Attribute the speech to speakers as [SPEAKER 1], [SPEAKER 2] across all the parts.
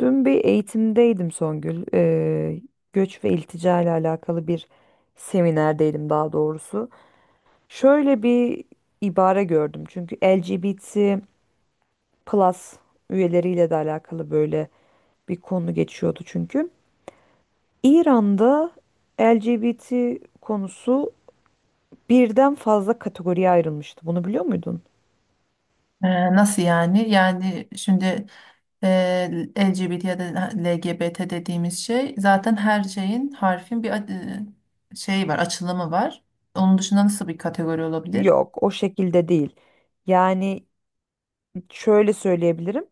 [SPEAKER 1] Dün bir eğitimdeydim Songül. Göç ve iltica ile alakalı bir seminerdeydim daha doğrusu. Şöyle bir ibare gördüm. Çünkü LGBT plus üyeleriyle de alakalı böyle bir konu geçiyordu çünkü. İran'da LGBT konusu birden fazla kategoriye ayrılmıştı. Bunu biliyor muydun?
[SPEAKER 2] Nasıl yani? Yani şimdi LGBT ya da LGBT dediğimiz şey zaten her şeyin harfin bir şeyi var, açılımı var. Onun dışında nasıl bir kategori olabilir?
[SPEAKER 1] Yok, o şekilde değil. Yani şöyle söyleyebilirim.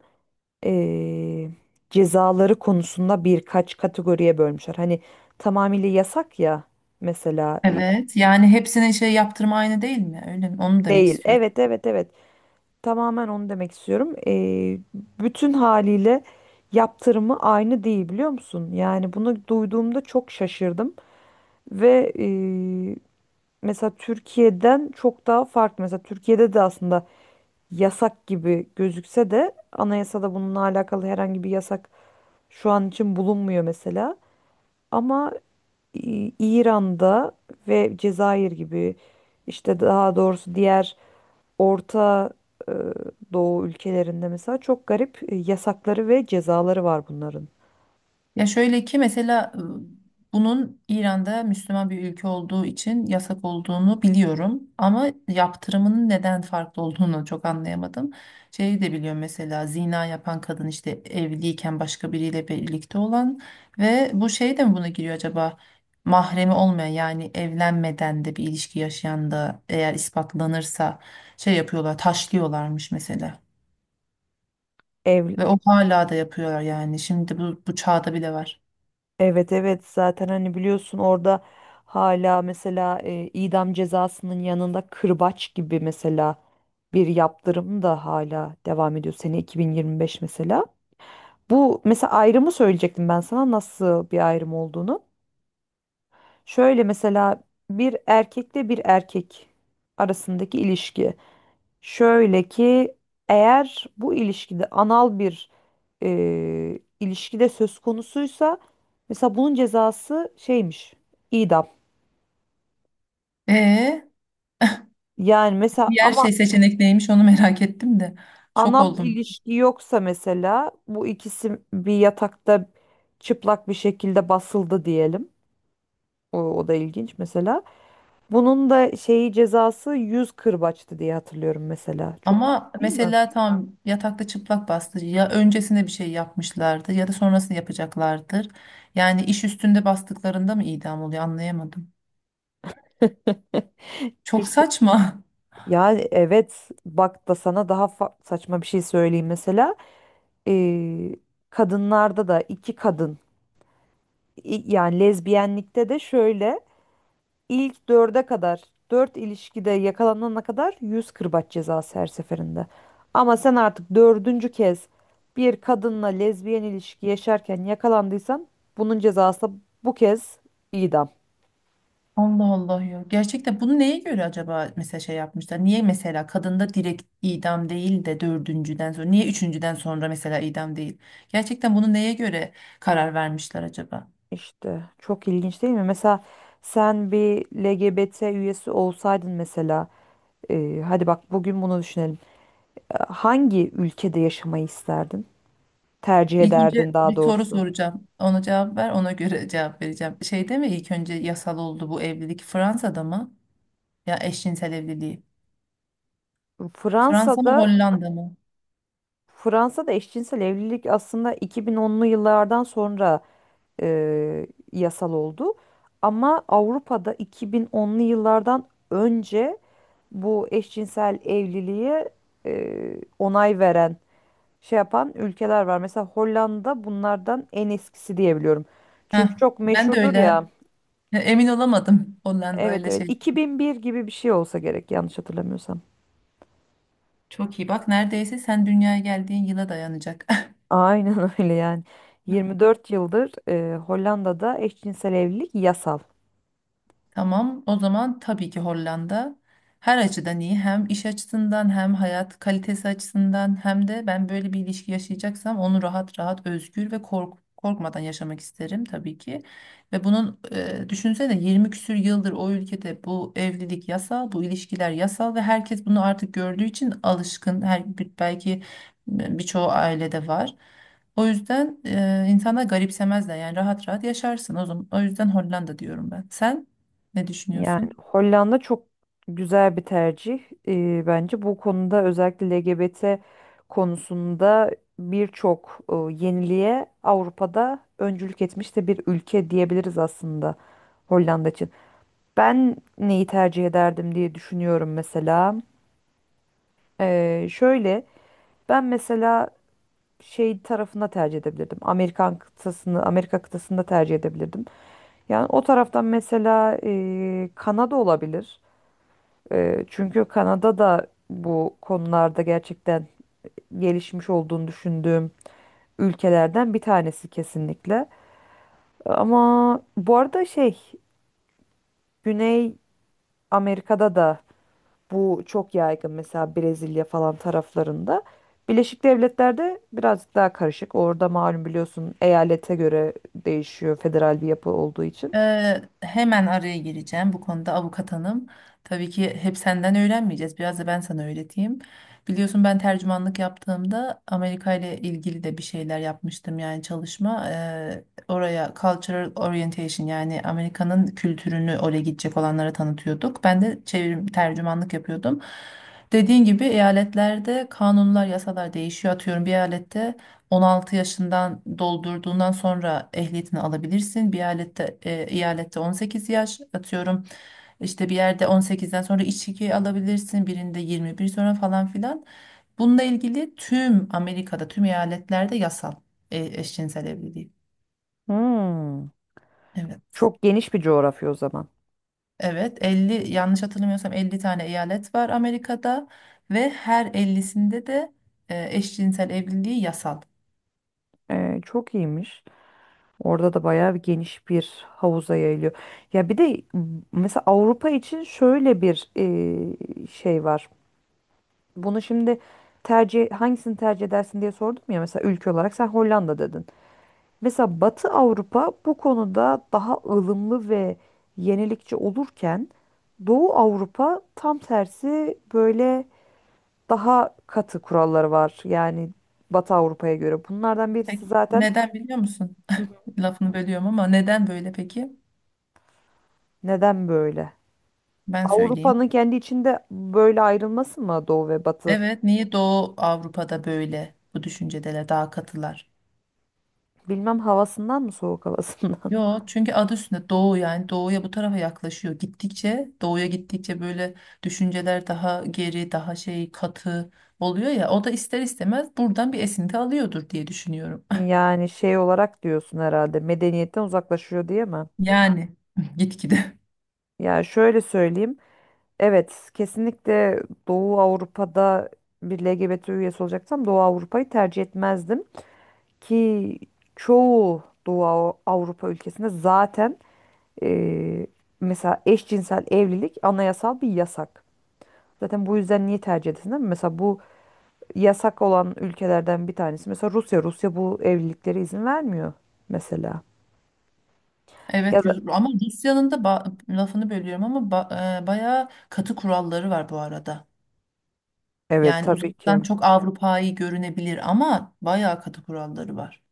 [SPEAKER 1] eee, Cezaları konusunda birkaç kategoriye bölmüşler. Hani tamamıyla yasak ya mesela
[SPEAKER 2] Evet. Yani hepsinin şey yaptırma aynı değil mi? Öyle mi? Onu mu demek
[SPEAKER 1] değil.
[SPEAKER 2] istiyorsun?
[SPEAKER 1] Evet, evet, evet. Tamamen onu demek istiyorum. Bütün haliyle yaptırımı aynı değil biliyor musun? Yani bunu duyduğumda çok şaşırdım ve mesela Türkiye'den çok daha farklı. Mesela Türkiye'de de aslında yasak gibi gözükse de anayasada bununla alakalı herhangi bir yasak şu an için bulunmuyor mesela. Ama İran'da ve Cezayir gibi işte daha doğrusu diğer Orta e, Doğu ülkelerinde mesela çok garip yasakları ve cezaları var bunların.
[SPEAKER 2] Ya şöyle ki mesela bunun İran'da Müslüman bir ülke olduğu için yasak olduğunu biliyorum ama yaptırımının neden farklı olduğunu çok anlayamadım. Şeyi de biliyorum mesela zina yapan kadın işte evliyken başka biriyle birlikte olan ve bu şey de mi buna giriyor acaba? Mahremi olmayan yani evlenmeden de bir ilişki yaşayan da eğer ispatlanırsa şey yapıyorlar taşlıyorlarmış mesela.
[SPEAKER 1] Ev,
[SPEAKER 2] Ve o hala da yapıyorlar yani şimdi bu çağda bile var.
[SPEAKER 1] evet, evet zaten hani biliyorsun orada hala mesela idam cezasının yanında kırbaç gibi mesela bir yaptırım da hala devam ediyor sene 2025 mesela. Bu mesela ayrımı söyleyecektim ben sana nasıl bir ayrım olduğunu. Şöyle mesela bir erkekle bir erkek arasındaki ilişki. Şöyle ki eğer bu ilişkide anal bir ilişkide söz konusuysa mesela bunun cezası şeymiş idam.
[SPEAKER 2] Ee,
[SPEAKER 1] Yani mesela
[SPEAKER 2] Diğer
[SPEAKER 1] ama
[SPEAKER 2] şey seçenek neymiş onu merak ettim de. Şok
[SPEAKER 1] anal
[SPEAKER 2] oldum.
[SPEAKER 1] ilişki yoksa mesela bu ikisi bir yatakta çıplak bir şekilde basıldı diyelim. O da ilginç mesela. Bunun da şeyi cezası 100 kırbaçtı diye hatırlıyorum mesela. Çok,
[SPEAKER 2] Ama
[SPEAKER 1] değil mi?
[SPEAKER 2] mesela tam yatakta çıplak bastı. Ya öncesinde bir şey yapmışlardı ya da sonrasını yapacaklardır. Yani iş üstünde bastıklarında mı idam oluyor anlayamadım. Çok
[SPEAKER 1] İşte
[SPEAKER 2] saçma.
[SPEAKER 1] ya evet bak da sana daha saçma bir şey söyleyeyim mesela. Ee, Kadınlarda da iki kadın yani lezbiyenlikte de şöyle ilk dörde kadar dört ilişkide yakalanana kadar 100 kırbaç cezası her seferinde. Ama sen artık dördüncü kez bir kadınla lezbiyen ilişki yaşarken yakalandıysan bunun cezası bu kez idam.
[SPEAKER 2] Allah Allah ya. Gerçekten bunu neye göre acaba mesela şey yapmışlar? Niye mesela kadında direkt idam değil de dördüncüden sonra, niye üçüncüden sonra mesela idam değil? Gerçekten bunu neye göre karar vermişler acaba?
[SPEAKER 1] İşte çok ilginç değil mi? Mesela sen bir LGBT üyesi olsaydın mesela hadi bak bugün bunu düşünelim. Hangi ülkede yaşamayı isterdin? Tercih
[SPEAKER 2] İlk önce
[SPEAKER 1] ederdin daha
[SPEAKER 2] bir soru
[SPEAKER 1] doğrusu.
[SPEAKER 2] soracağım. Ona cevap ver, ona göre cevap vereceğim. Şeyde mi ilk önce yasal oldu bu evlilik Fransa'da mı? Ya eşcinsel evliliği. Fransa mı
[SPEAKER 1] Fransa'da.
[SPEAKER 2] Hollanda mı?
[SPEAKER 1] Fransa'da eşcinsel evlilik aslında 2010'lu yıllardan sonra e, yasal oldu. Ama Avrupa'da 2010'lu yıllardan önce bu eşcinsel evliliğe onay veren şey yapan ülkeler var. Mesela Hollanda bunlardan en eskisi diyebiliyorum.
[SPEAKER 2] Heh,
[SPEAKER 1] Çünkü çok
[SPEAKER 2] ben de
[SPEAKER 1] meşhurdur
[SPEAKER 2] öyle
[SPEAKER 1] ya.
[SPEAKER 2] Emin olamadım. Hollanda
[SPEAKER 1] Evet,
[SPEAKER 2] ile
[SPEAKER 1] evet,
[SPEAKER 2] şey.
[SPEAKER 1] 2001 gibi bir şey olsa gerek yanlış hatırlamıyorsam.
[SPEAKER 2] Çok iyi bak, neredeyse sen dünyaya geldiğin yıla dayanacak.
[SPEAKER 1] Aynen öyle yani. 24 yıldır Hollanda'da eşcinsel evlilik yasal.
[SPEAKER 2] Tamam, o zaman tabii ki Hollanda her açıdan iyi. Hem iş açısından hem hayat kalitesi açısından hem de ben böyle bir ilişki yaşayacaksam onu rahat rahat, özgür ve korkmadan yaşamak isterim tabii ki. Ve bunun, düşünsene, 20 küsür yıldır o ülkede bu evlilik yasal, bu ilişkiler yasal ve herkes bunu artık gördüğü için alışkın. Her belki birçoğu ailede var. O yüzden insanlar garipsemezler, yani rahat rahat yaşarsın o zaman. O yüzden Hollanda diyorum ben. Sen? Ne
[SPEAKER 1] Yani
[SPEAKER 2] düşünüyorsun?
[SPEAKER 1] Hollanda çok güzel bir tercih bence. Bu konuda özellikle LGBT konusunda birçok yeniliğe Avrupa'da öncülük etmiş de bir ülke diyebiliriz aslında Hollanda için. Ben neyi tercih ederdim diye düşünüyorum mesela. Şöyle ben mesela şey tarafında tercih edebilirdim. Amerikan kıtasını, Amerika kıtasında tercih edebilirdim. Yani o taraftan mesela Kanada olabilir. Çünkü Kanada da bu konularda gerçekten gelişmiş olduğunu düşündüğüm ülkelerden bir tanesi kesinlikle. Ama bu arada şey Güney Amerika'da da bu çok yaygın mesela Brezilya falan taraflarında. Birleşik Devletler'de birazcık daha karışık. Orada malum biliyorsun eyalete göre değişiyor federal bir yapı olduğu için.
[SPEAKER 2] Hemen araya gireceğim bu konuda, avukat hanım. Tabii ki hep senden öğrenmeyeceğiz. Biraz da ben sana öğreteyim. Biliyorsun, ben tercümanlık yaptığımda Amerika ile ilgili de bir şeyler yapmıştım, yani çalışma. Oraya cultural orientation, yani Amerika'nın kültürünü oraya gidecek olanlara tanıtıyorduk. Ben de çevirim tercümanlık yapıyordum. Dediğin gibi eyaletlerde kanunlar, yasalar değişiyor. Atıyorum, bir eyalette 16 yaşından doldurduğundan sonra ehliyetini alabilirsin. Bir eyalette, eyalette, 18 yaş atıyorum. İşte bir yerde 18'den sonra içki alabilirsin. Birinde 21 sonra falan filan. Bununla ilgili tüm Amerika'da, tüm eyaletlerde yasal eşcinsel evliliği.
[SPEAKER 1] Hmm.
[SPEAKER 2] Evet.
[SPEAKER 1] Çok geniş bir coğrafya o zaman.
[SPEAKER 2] Evet, 50, yanlış hatırlamıyorsam 50 tane eyalet var Amerika'da, ve her 50'sinde de eşcinsel evliliği yasal.
[SPEAKER 1] Çok iyiymiş. Orada da bayağı bir geniş bir havuza yayılıyor. Ya bir de mesela Avrupa için şöyle bir şey var. Bunu şimdi tercih hangisini tercih edersin diye sordum ya mesela ülke olarak sen Hollanda dedin. Mesela Batı Avrupa bu konuda daha ılımlı ve yenilikçi olurken Doğu Avrupa tam tersi böyle daha katı kuralları var. Yani Batı Avrupa'ya göre. Bunlardan birisi
[SPEAKER 2] Peki.
[SPEAKER 1] zaten
[SPEAKER 2] Neden biliyor musun? Lafını bölüyorum ama neden böyle peki?
[SPEAKER 1] neden böyle?
[SPEAKER 2] Ben söyleyeyim.
[SPEAKER 1] Avrupa'nın kendi içinde böyle ayrılması mı Doğu ve Batı?
[SPEAKER 2] Evet, niye Doğu Avrupa'da böyle bu düşüncedeler, daha katılar?
[SPEAKER 1] Bilmem havasından mı soğuk havasından?
[SPEAKER 2] Yo, çünkü adı üstünde Doğu, yani Doğu'ya, bu tarafa yaklaşıyor. Gittikçe Doğu'ya gittikçe böyle düşünceler daha geri, daha şey katı oluyor ya. O da ister istemez buradan bir esinti alıyordur diye düşünüyorum.
[SPEAKER 1] Yani şey olarak diyorsun herhalde medeniyetten uzaklaşıyor diye mi?
[SPEAKER 2] Yani gitgide.
[SPEAKER 1] Yani şöyle söyleyeyim. Evet, kesinlikle Doğu Avrupa'da bir LGBT üyesi olacaksam Doğu Avrupa'yı tercih etmezdim ki çoğu Doğu Avrupa ülkesinde zaten e, mesela eşcinsel evlilik anayasal bir yasak. Zaten bu yüzden niye tercih edesin değil mi? Mesela bu yasak olan ülkelerden bir tanesi. Mesela Rusya, Rusya bu evliliklere izin vermiyor mesela. Ya
[SPEAKER 2] Evet
[SPEAKER 1] da,
[SPEAKER 2] Ama Rusya'nın da lafını bölüyorum ama bayağı katı kuralları var bu arada.
[SPEAKER 1] evet,
[SPEAKER 2] Yani
[SPEAKER 1] tabii
[SPEAKER 2] uzaktan
[SPEAKER 1] ki,
[SPEAKER 2] çok Avrupa'yı görünebilir ama bayağı katı kuralları var.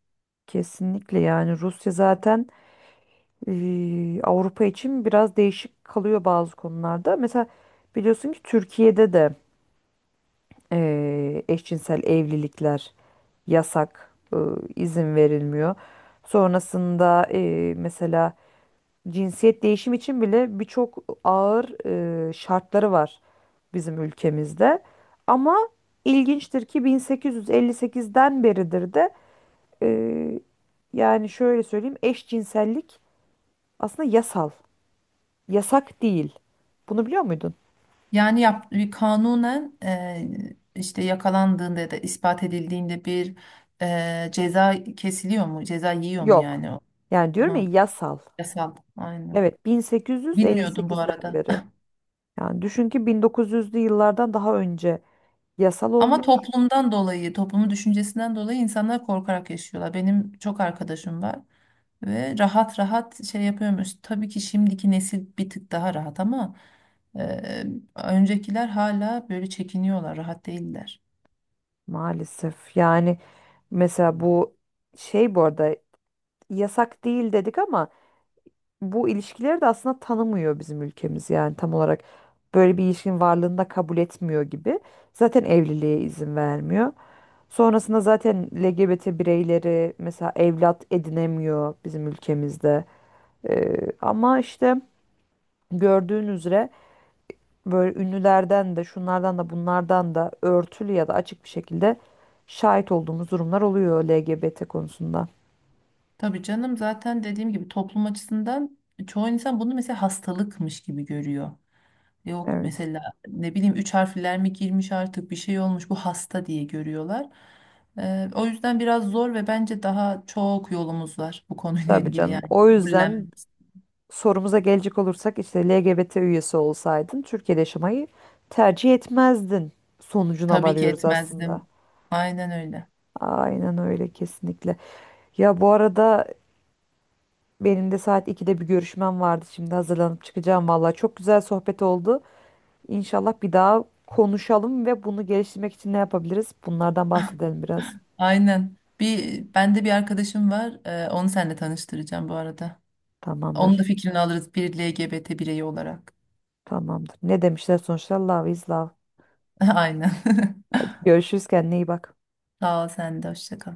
[SPEAKER 1] kesinlikle yani Rusya zaten Avrupa için biraz değişik kalıyor bazı konularda. Mesela biliyorsun ki Türkiye'de de eşcinsel evlilikler yasak, izin verilmiyor. Sonrasında mesela cinsiyet değişimi için bile birçok ağır şartları var bizim ülkemizde. Ama ilginçtir ki 1858'den beridir de e, yani şöyle söyleyeyim eşcinsellik aslında yasal. Yasak değil. Bunu biliyor muydun?
[SPEAKER 2] Yani yap, bir kanunen, işte yakalandığında ya da ispat edildiğinde bir ceza kesiliyor mu? Ceza yiyor mu
[SPEAKER 1] Yok.
[SPEAKER 2] yani o?
[SPEAKER 1] Yani diyorum ya
[SPEAKER 2] Hı,
[SPEAKER 1] yasal.
[SPEAKER 2] yasal. Aynen.
[SPEAKER 1] Evet,
[SPEAKER 2] Bilmiyordum bu
[SPEAKER 1] 1858'den
[SPEAKER 2] arada.
[SPEAKER 1] beri. Yani düşün ki 1900'lü yıllardan daha önce yasal
[SPEAKER 2] Ama
[SPEAKER 1] olmuş.
[SPEAKER 2] toplumdan dolayı, toplumun düşüncesinden dolayı insanlar korkarak yaşıyorlar. Benim çok arkadaşım var ve rahat rahat şey yapıyormuş. Tabii ki şimdiki nesil bir tık daha rahat ama e, öncekiler hala böyle çekiniyorlar, rahat değiller.
[SPEAKER 1] Maalesef. Yani mesela bu şey bu arada yasak değil dedik ama bu ilişkileri de aslında tanımıyor bizim ülkemiz. Yani tam olarak böyle bir ilişkinin varlığını da kabul etmiyor gibi. Zaten evliliğe izin vermiyor. Sonrasında zaten LGBT bireyleri mesela evlat edinemiyor bizim ülkemizde. Ama işte gördüğün üzere böyle ünlülerden de şunlardan da bunlardan da örtülü ya da açık bir şekilde şahit olduğumuz durumlar oluyor LGBT konusunda.
[SPEAKER 2] Tabii canım, zaten dediğim gibi toplum açısından çoğu insan bunu mesela hastalıkmış gibi görüyor. Yok
[SPEAKER 1] Evet.
[SPEAKER 2] mesela, ne bileyim üç harfler mi girmiş, artık bir şey olmuş bu, hasta diye görüyorlar. O yüzden biraz zor ve bence daha çok yolumuz var bu konuyla
[SPEAKER 1] Tabii
[SPEAKER 2] ilgili
[SPEAKER 1] canım.
[SPEAKER 2] yani.
[SPEAKER 1] O yüzden
[SPEAKER 2] Kabullen
[SPEAKER 1] sorumuza gelecek olursak işte LGBT üyesi olsaydın Türkiye'de yaşamayı tercih etmezdin sonucuna
[SPEAKER 2] tabii ki
[SPEAKER 1] varıyoruz aslında.
[SPEAKER 2] etmezdim. Aynen öyle.
[SPEAKER 1] Aynen öyle kesinlikle. Ya bu arada, benim de saat 2'de bir görüşmem vardı. Şimdi hazırlanıp çıkacağım valla. Çok güzel sohbet oldu. İnşallah bir daha konuşalım ve bunu geliştirmek için ne yapabiliriz? Bunlardan bahsedelim biraz.
[SPEAKER 2] Aynen. Bende bir arkadaşım var. Onu seninle tanıştıracağım bu arada. Onun da
[SPEAKER 1] Tamamdır.
[SPEAKER 2] fikrini alırız, bir LGBT bireyi olarak.
[SPEAKER 1] Tamamdır. Ne demişler sonuçta? Love is love.
[SPEAKER 2] Aynen.
[SPEAKER 1] Görüşürüz, kendine iyi bak.
[SPEAKER 2] Sağ ol, sen de hoşça kal.